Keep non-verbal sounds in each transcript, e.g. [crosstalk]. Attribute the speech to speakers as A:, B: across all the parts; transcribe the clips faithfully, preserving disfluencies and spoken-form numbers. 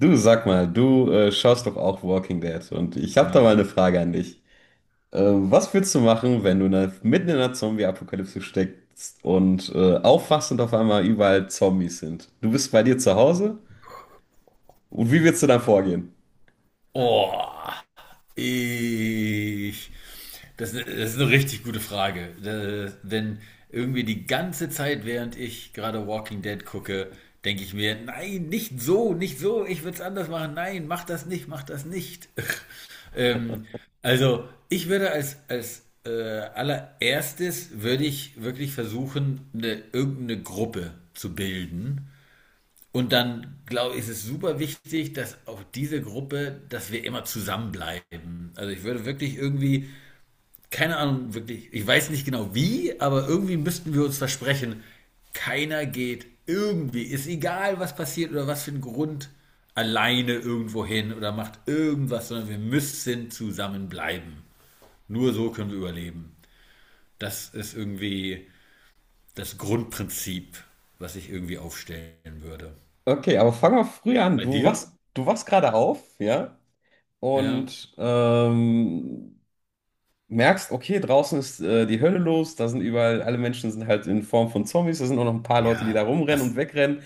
A: Du, sag mal, du äh, schaust doch auch Walking Dead und ich habe da mal eine
B: Mhm.
A: Frage an dich. Äh, was würdest du machen, wenn du ne- mitten in einer Zombie-Apokalypse steckst und äh, aufwachst und auf einmal überall Zombies sind? Du bist bei dir zu Hause und wie würdest du dann vorgehen?
B: Oh, ich. Das, ist- das ist eine richtig gute Frage. Äh, denn irgendwie die ganze Zeit, während ich gerade Walking Dead gucke, denke ich mir, nein, nicht so, nicht so, ich würde es anders machen. Nein, mach das nicht, mach das nicht. [laughs] Ähm, also, ich würde als, als äh, allererstes würde ich wirklich versuchen, eine, irgendeine Gruppe zu bilden. Und dann, glaube ich, ist es super wichtig, dass auch diese Gruppe, dass wir immer zusammenbleiben. Also ich würde wirklich irgendwie, keine Ahnung, wirklich, ich weiß nicht genau wie, aber irgendwie müssten wir uns versprechen, keiner geht irgendwie, ist egal, was passiert oder was für ein Grund, alleine irgendwo hin oder macht irgendwas, sondern wir müssen zusammenbleiben. Nur so können wir überleben. Das ist irgendwie das Grundprinzip, was ich irgendwie aufstellen würde.
A: Okay, aber fang mal früh an.
B: Bei
A: Du
B: dir?
A: wachst, du wachst gerade auf, ja,
B: Ja.
A: und ähm, merkst, okay, draußen ist äh, die Hölle los, da sind überall, alle Menschen sind halt in Form von Zombies, da sind auch noch ein paar Leute, die da
B: Ja,
A: rumrennen
B: ach,
A: und wegrennen.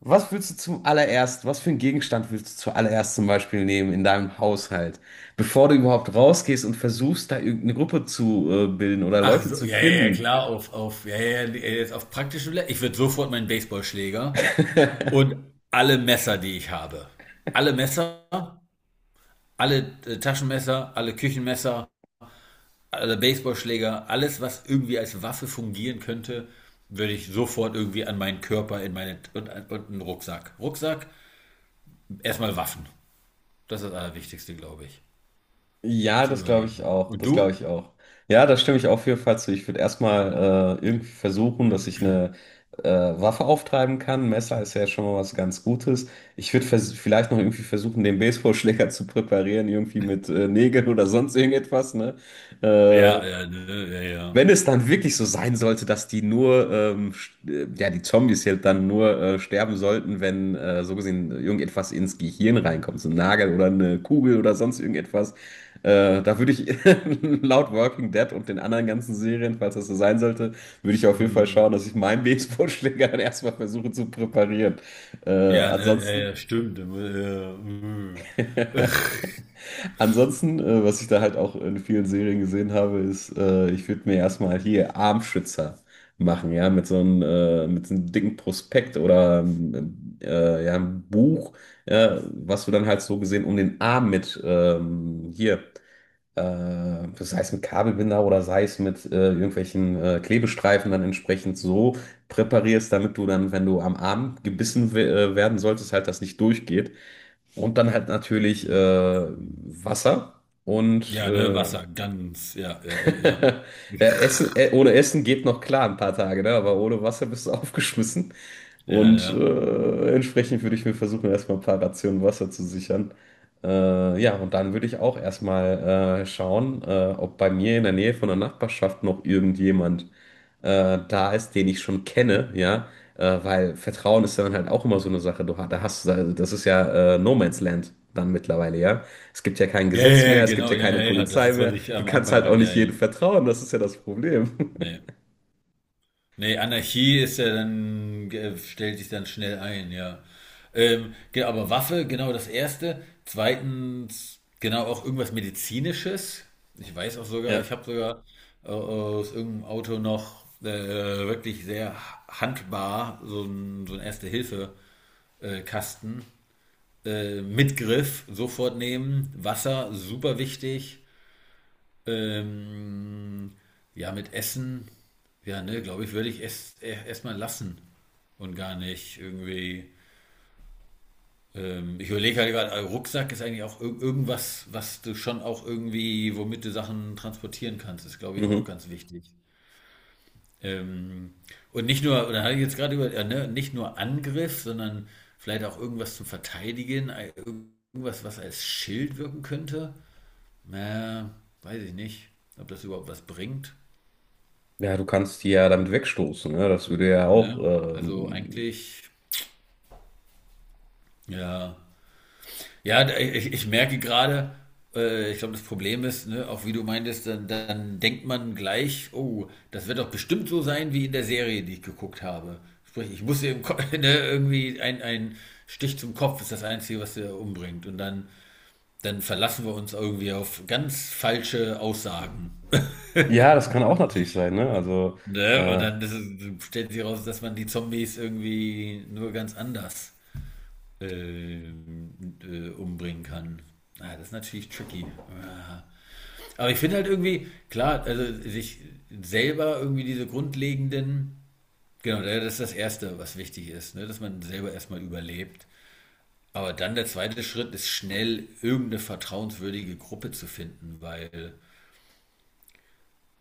A: Was willst du zum allererst, was für einen Gegenstand willst du zuallererst zum Beispiel nehmen in deinem Haushalt, bevor du überhaupt rausgehst und versuchst, da irgendeine Gruppe zu äh, bilden oder
B: ach
A: Leute
B: so,
A: zu
B: ja, ja, ja,
A: finden?
B: klar, auf, auf, ja, ja, ja, jetzt auf praktische Le Ich würde sofort meinen Baseballschläger und alle Messer, die ich habe. Alle Messer, alle äh, Taschenmesser, alle Küchenmesser, alle Baseballschläger, alles, was irgendwie als Waffe fungieren könnte, würde ich sofort irgendwie an meinen Körper in meine, und, und einen Rucksack. Rucksack, erstmal Waffen. Das ist das Allerwichtigste, glaube ich,
A: Ja,
B: zu
A: das glaube ich
B: überlegen.
A: auch.
B: Und
A: Das glaube
B: du?
A: ich auch. Ja, da stimme ich auf jeden Fall zu. Ich würde erstmal äh, irgendwie versuchen, dass ich eine äh, Waffe auftreiben kann. Messer ist ja schon mal was ganz Gutes. Ich würde vers- vielleicht noch irgendwie versuchen, den Baseballschläger [laughs] zu präparieren, irgendwie mit äh, Nägeln oder sonst irgendetwas, ne? Äh,
B: Ja, ja, ne, ja, ja.
A: Wenn es dann wirklich so sein sollte, dass die nur, ähm, st- äh, ja, die Zombies halt dann nur äh, sterben sollten, wenn äh, so gesehen irgendetwas ins Gehirn reinkommt, so ein Nagel oder eine Kugel oder sonst irgendetwas, äh, da würde ich [laughs] laut Walking Dead und den anderen ganzen Serien, falls das so sein sollte, würde ich auf jeden Fall schauen,
B: Hm.
A: dass ich meinen Baseballschläger [laughs] dann erstmal versuche zu präparieren. Äh,
B: Ja, ne, ja,
A: ansonsten.
B: ja, stimmt. Äh, äh, äh.
A: [laughs]
B: [laughs]
A: Ansonsten, äh, was ich da halt auch in vielen Serien gesehen habe, ist, äh, ich würde mir erstmal hier Armschützer machen, ja, mit so einem, äh, mit so einem dicken Prospekt oder ähm, äh, ja, einem Buch, ja, was du dann halt so gesehen um den Arm mit ähm, hier, äh, sei es mit Kabelbinder oder sei es mit äh, irgendwelchen äh, Klebestreifen dann entsprechend so präparierst, damit du dann, wenn du am Arm gebissen we- äh, werden solltest, halt das nicht durchgeht. Und dann halt natürlich äh, Wasser und
B: Ja, ne,
A: äh,
B: Wasser, ganz, ja, ja, ja, ja.
A: [laughs] ja, Essen, äh, ohne Essen geht noch klar ein paar Tage, ne? Aber ohne Wasser bist du [laughs] aufgeschmissen.
B: Ja,
A: Und
B: ne.
A: äh, entsprechend würde ich mir versuchen, erstmal ein paar Rationen Wasser zu sichern. Äh, ja, und dann würde ich auch erstmal äh, schauen, äh, ob bei mir in der Nähe von der Nachbarschaft noch irgendjemand äh, da ist, den ich schon kenne, ja. Äh, weil Vertrauen ist dann halt auch immer so eine Sache. Du, ha- da hast, du- Das ist ja äh, No Man's Land dann mittlerweile, ja. Es gibt ja kein
B: Ja, ja,
A: Gesetz mehr,
B: ja,
A: es gibt
B: genau,
A: ja keine
B: ja, ja, ja, das
A: Polizei
B: ist, was
A: mehr.
B: ich
A: Du
B: am
A: kannst
B: Anfang
A: halt auch
B: meinte.
A: nicht
B: Ja, ja,
A: jedem vertrauen, das ist ja das Problem. [laughs]
B: ne. Nee, Anarchie ist ja dann, äh, stellt sich dann schnell ein, ja. Ähm, ge- aber Waffe, genau das Erste. Zweitens, genau auch irgendwas Medizinisches. Ich weiß auch sogar,
A: Ja.
B: ich habe sogar äh, aus irgendeinem Auto noch äh, wirklich sehr handbar so ein, so ein Erste-Hilfe-Kasten äh, mit Griff, sofort nehmen. Wasser, super wichtig. Ähm, ja, mit Essen, ja, ne, glaube ich, würde ich es e, erstmal lassen und gar nicht irgendwie. Ähm, ich überlege halt gerade, äh, Rucksack ist eigentlich auch irg- irgendwas, was du schon auch irgendwie, womit du Sachen transportieren kannst, ist, glaube ich, auch
A: Mhm.
B: ganz wichtig. Ähm, und nicht nur, oder hatte ich jetzt gerade über, äh, ne, nicht nur Angriff, sondern vielleicht auch irgendwas zum Verteidigen, äh, irgendwas, was als Schild wirken könnte. Na, weiß ich nicht, ob das überhaupt was bringt.
A: Ja, du kannst die ja damit wegstoßen, ne? Das würde ja auch,
B: Ne? Also
A: ähm,
B: eigentlich, ja. Ja, da- ich, ich merke gerade, äh, ich glaube, das Problem ist, ne, auch wie du meintest, dann, dann denkt man gleich, oh, das wird doch bestimmt so sein wie in der Serie, die ich geguckt habe. Sprich, ich muss eben [laughs] ne, irgendwie ein, ein Stich zum Kopf ist das Einzige, was der umbringt. Und dann, dann verlassen wir uns irgendwie auf ganz falsche Aussagen.
A: ja, das kann auch natürlich sein, ne? Also,
B: Ne? Und
A: äh,
B: dann ist es, stellt sich raus, dass man die Zombies irgendwie nur ganz anders äh, äh, umbringen kann. Ah, das ist natürlich tricky. Ah. Aber ich finde halt irgendwie, klar, also sich selber irgendwie diese grundlegenden, genau, das ist das Erste, was wichtig ist, ne? Dass man selber erstmal überlebt. Aber dann der zweite Schritt ist schnell irgendeine vertrauenswürdige Gruppe zu finden, weil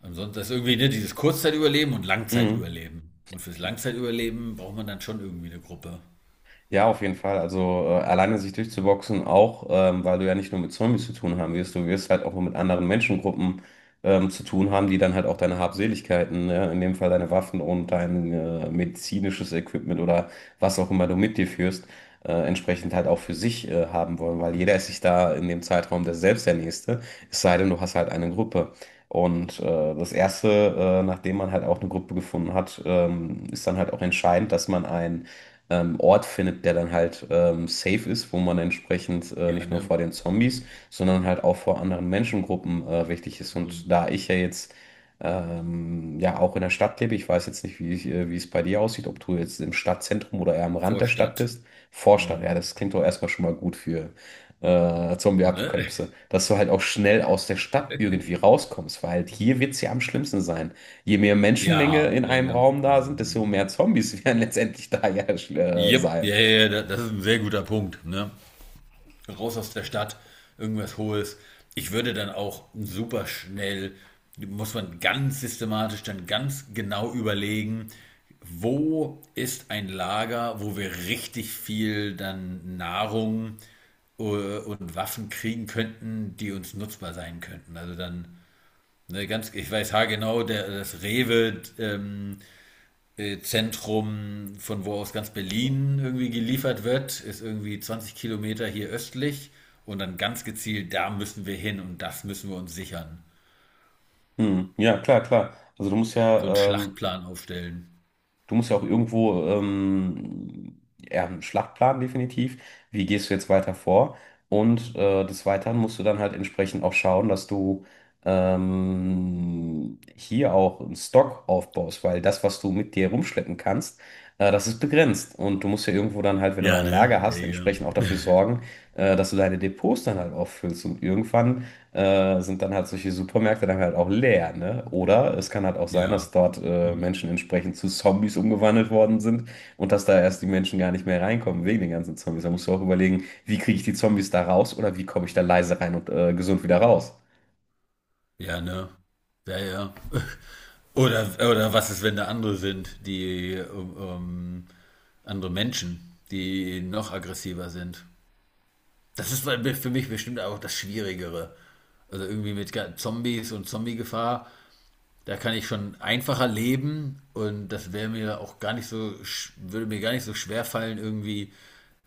B: ansonsten ist irgendwie ne, dieses Kurzzeitüberleben und
A: mh.
B: Langzeitüberleben. Und fürs Langzeitüberleben braucht man dann schon irgendwie eine Gruppe.
A: Ja, auf jeden Fall. Also äh, alleine sich durchzuboxen auch, ähm, weil du ja nicht nur mit Zombies zu tun haben wirst, du wirst halt auch mit anderen Menschengruppen ähm, zu tun haben, die dann halt auch deine Habseligkeiten, ja, in dem Fall deine Waffen und dein äh, medizinisches Equipment oder was auch immer du mit dir führst, äh, entsprechend halt auch für sich äh, haben wollen, weil jeder ist sich da in dem Zeitraum der selbst der Nächste, es sei denn, du hast halt eine Gruppe. Und äh, das Erste, äh, nachdem man halt auch eine Gruppe gefunden hat, ähm, ist dann halt auch entscheidend, dass man ein ähm, Ort findet, der dann halt ähm, safe ist, wo man entsprechend äh,
B: Ja,
A: nicht nur
B: ne?
A: vor den Zombies, sondern halt auch vor anderen Menschengruppen äh, wichtig ist.
B: Eine
A: Und da ich ja jetzt ähm, ja auch in der Stadt lebe, ich weiß jetzt nicht, wie, ich, äh, wie es bei dir aussieht, ob du jetzt im Stadtzentrum oder eher am Rand der Stadt
B: Vorstadt.
A: bist. Vorstadt, ja,
B: Hm.
A: das klingt doch erstmal schon mal gut für äh,
B: Ne?
A: Zombie-Apokalypse, dass du halt auch schnell aus der Stadt irgendwie rauskommst, weil halt hier wird es ja am schlimmsten sein. Je mehr Menschenmenge
B: Ja,
A: in
B: ja,
A: einem
B: ja.
A: Raum da sind, desto
B: Mhm.
A: mehr Zombies [laughs] werden letztendlich da ja äh,
B: Jep,
A: sein.
B: ja, ja, ja, da- das ist ein sehr guter Punkt, ne? Raus aus der Stadt, irgendwas Hohes. Ich würde dann auch super schnell, muss man ganz systematisch dann ganz genau überlegen, wo ist ein Lager, wo wir richtig viel dann Nahrung äh, und Waffen kriegen könnten, die uns nutzbar sein könnten. Also dann, ne, ganz, ich weiß haargenau, der, das Rewe ähm, äh, Zentrum, von wo aus ganz Berlin irgendwie geliefert wird, ist irgendwie zwanzig Kilometer hier östlich und dann ganz gezielt, da müssen wir hin und das müssen wir uns sichern.
A: Hm, ja, klar, klar. Also du musst
B: So einen
A: ja, ähm,
B: Schlachtplan aufstellen.
A: du musst ja auch irgendwo ähm, ja, einen Schlachtplan definitiv. Wie gehst du jetzt weiter vor? Und äh, des Weiteren musst du dann halt entsprechend auch schauen, dass du ähm, hier auch einen Stock aufbaust, weil das, was du mit dir rumschleppen kannst, äh, das ist begrenzt. Und du musst ja irgendwo dann halt, wenn du
B: Ja,
A: dein
B: ne?
A: Lager hast,
B: Ja,
A: entsprechend auch dafür sorgen, äh, dass du deine Depots dann halt auch füllst. Und irgendwann äh, sind dann halt solche Supermärkte dann halt auch leer, ne? Oder es kann halt auch sein, dass
B: ja.
A: dort
B: Ja.
A: äh,
B: [laughs]
A: Menschen entsprechend zu Zombies umgewandelt worden sind und dass da erst die Menschen gar nicht mehr reinkommen wegen den ganzen Zombies. Da musst du auch überlegen, wie kriege ich die Zombies da raus oder wie komme ich da leise rein und äh, gesund wieder raus.
B: Ja, ne? Ja, ja. [laughs] Oder, oder was ist, wenn da andere sind, die ähm, andere Menschen, die noch aggressiver sind? Das ist für mich bestimmt auch das Schwierigere. Also irgendwie mit Zombies und Zombie-Gefahr, da kann ich schon einfacher leben und das wäre mir auch gar nicht so, würde mir gar nicht so schwer fallen, irgendwie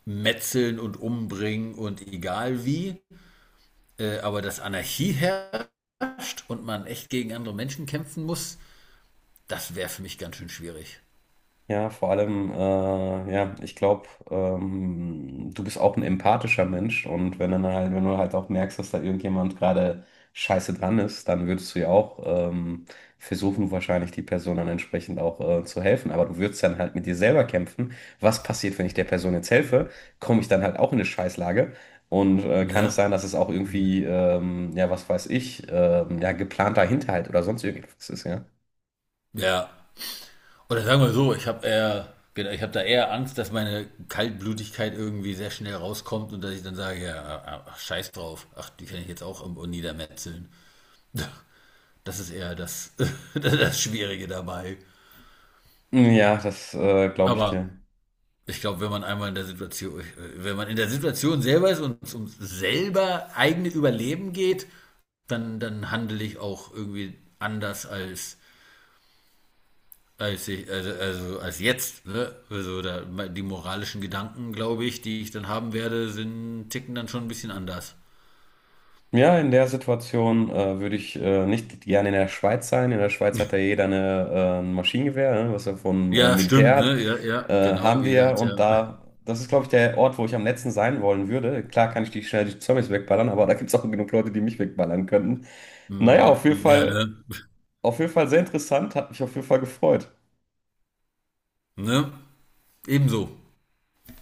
B: metzeln und umbringen und egal wie. Äh, aber dass Anarchie herrscht und man echt gegen andere Menschen kämpfen muss, das wäre für mich ganz schön schwierig.
A: Ja, vor allem, äh, ja, ich glaube, ähm, du bist auch ein empathischer Mensch und wenn dann halt, wenn du halt auch merkst, dass da irgendjemand gerade scheiße dran ist, dann würdest du ja auch ähm, versuchen, wahrscheinlich die Person dann entsprechend auch äh, zu helfen. Aber du würdest dann halt mit dir selber kämpfen. Was passiert, wenn ich der Person jetzt helfe? Komme ich dann halt auch in eine Scheißlage? Und äh, kann
B: Ne?
A: es sein, dass es auch irgendwie, ähm, ja, was weiß ich, ähm, ja, geplanter Hinterhalt oder sonst irgendwas ist, ja?
B: Ja. Oder sagen wir so, ich habe eher, genau, ich habe da eher Angst, dass meine Kaltblütigkeit irgendwie sehr schnell rauskommt und dass ich dann sage, ja, ah, ah, ach, scheiß drauf, ach, die kann ich jetzt auch irgendwo niedermetzeln. Das ist eher das, [laughs] das Schwierige dabei.
A: Ja, das äh, glaube ich
B: Aber
A: dir.
B: ich glaube, wenn man einmal in der Situation, wenn man in der Situation selber ist und es um selber eigene Überleben geht, dann, dann handle ich auch irgendwie anders als als ich, also, also als jetzt, ne? Also da, die moralischen Gedanken, glaube ich, die ich dann haben werde, sind, ticken dann schon ein bisschen anders.
A: Ja, in der Situation äh, würde ich äh, nicht gerne in der Schweiz sein. In der Schweiz hat ja jeder eine, äh, ein Maschinengewehr, ne, was er vom äh,
B: Ja,
A: Militär
B: stimmt,
A: hat.
B: ne? Ja, ja,
A: Äh,
B: genau.
A: haben die
B: Jeder
A: ja
B: hat ja.
A: und
B: [laughs]
A: da, das ist, glaube ich, der Ort, wo ich am letzten sein wollen würde. Klar kann ich die schnell die Zombies wegballern, aber da gibt es auch genug Leute, die mich wegballern könnten. Naja, auf jeden
B: Mm, ja, ne?
A: Fall, auf jeden Fall sehr interessant, hat mich auf jeden Fall gefreut.
B: Ne? Ebenso.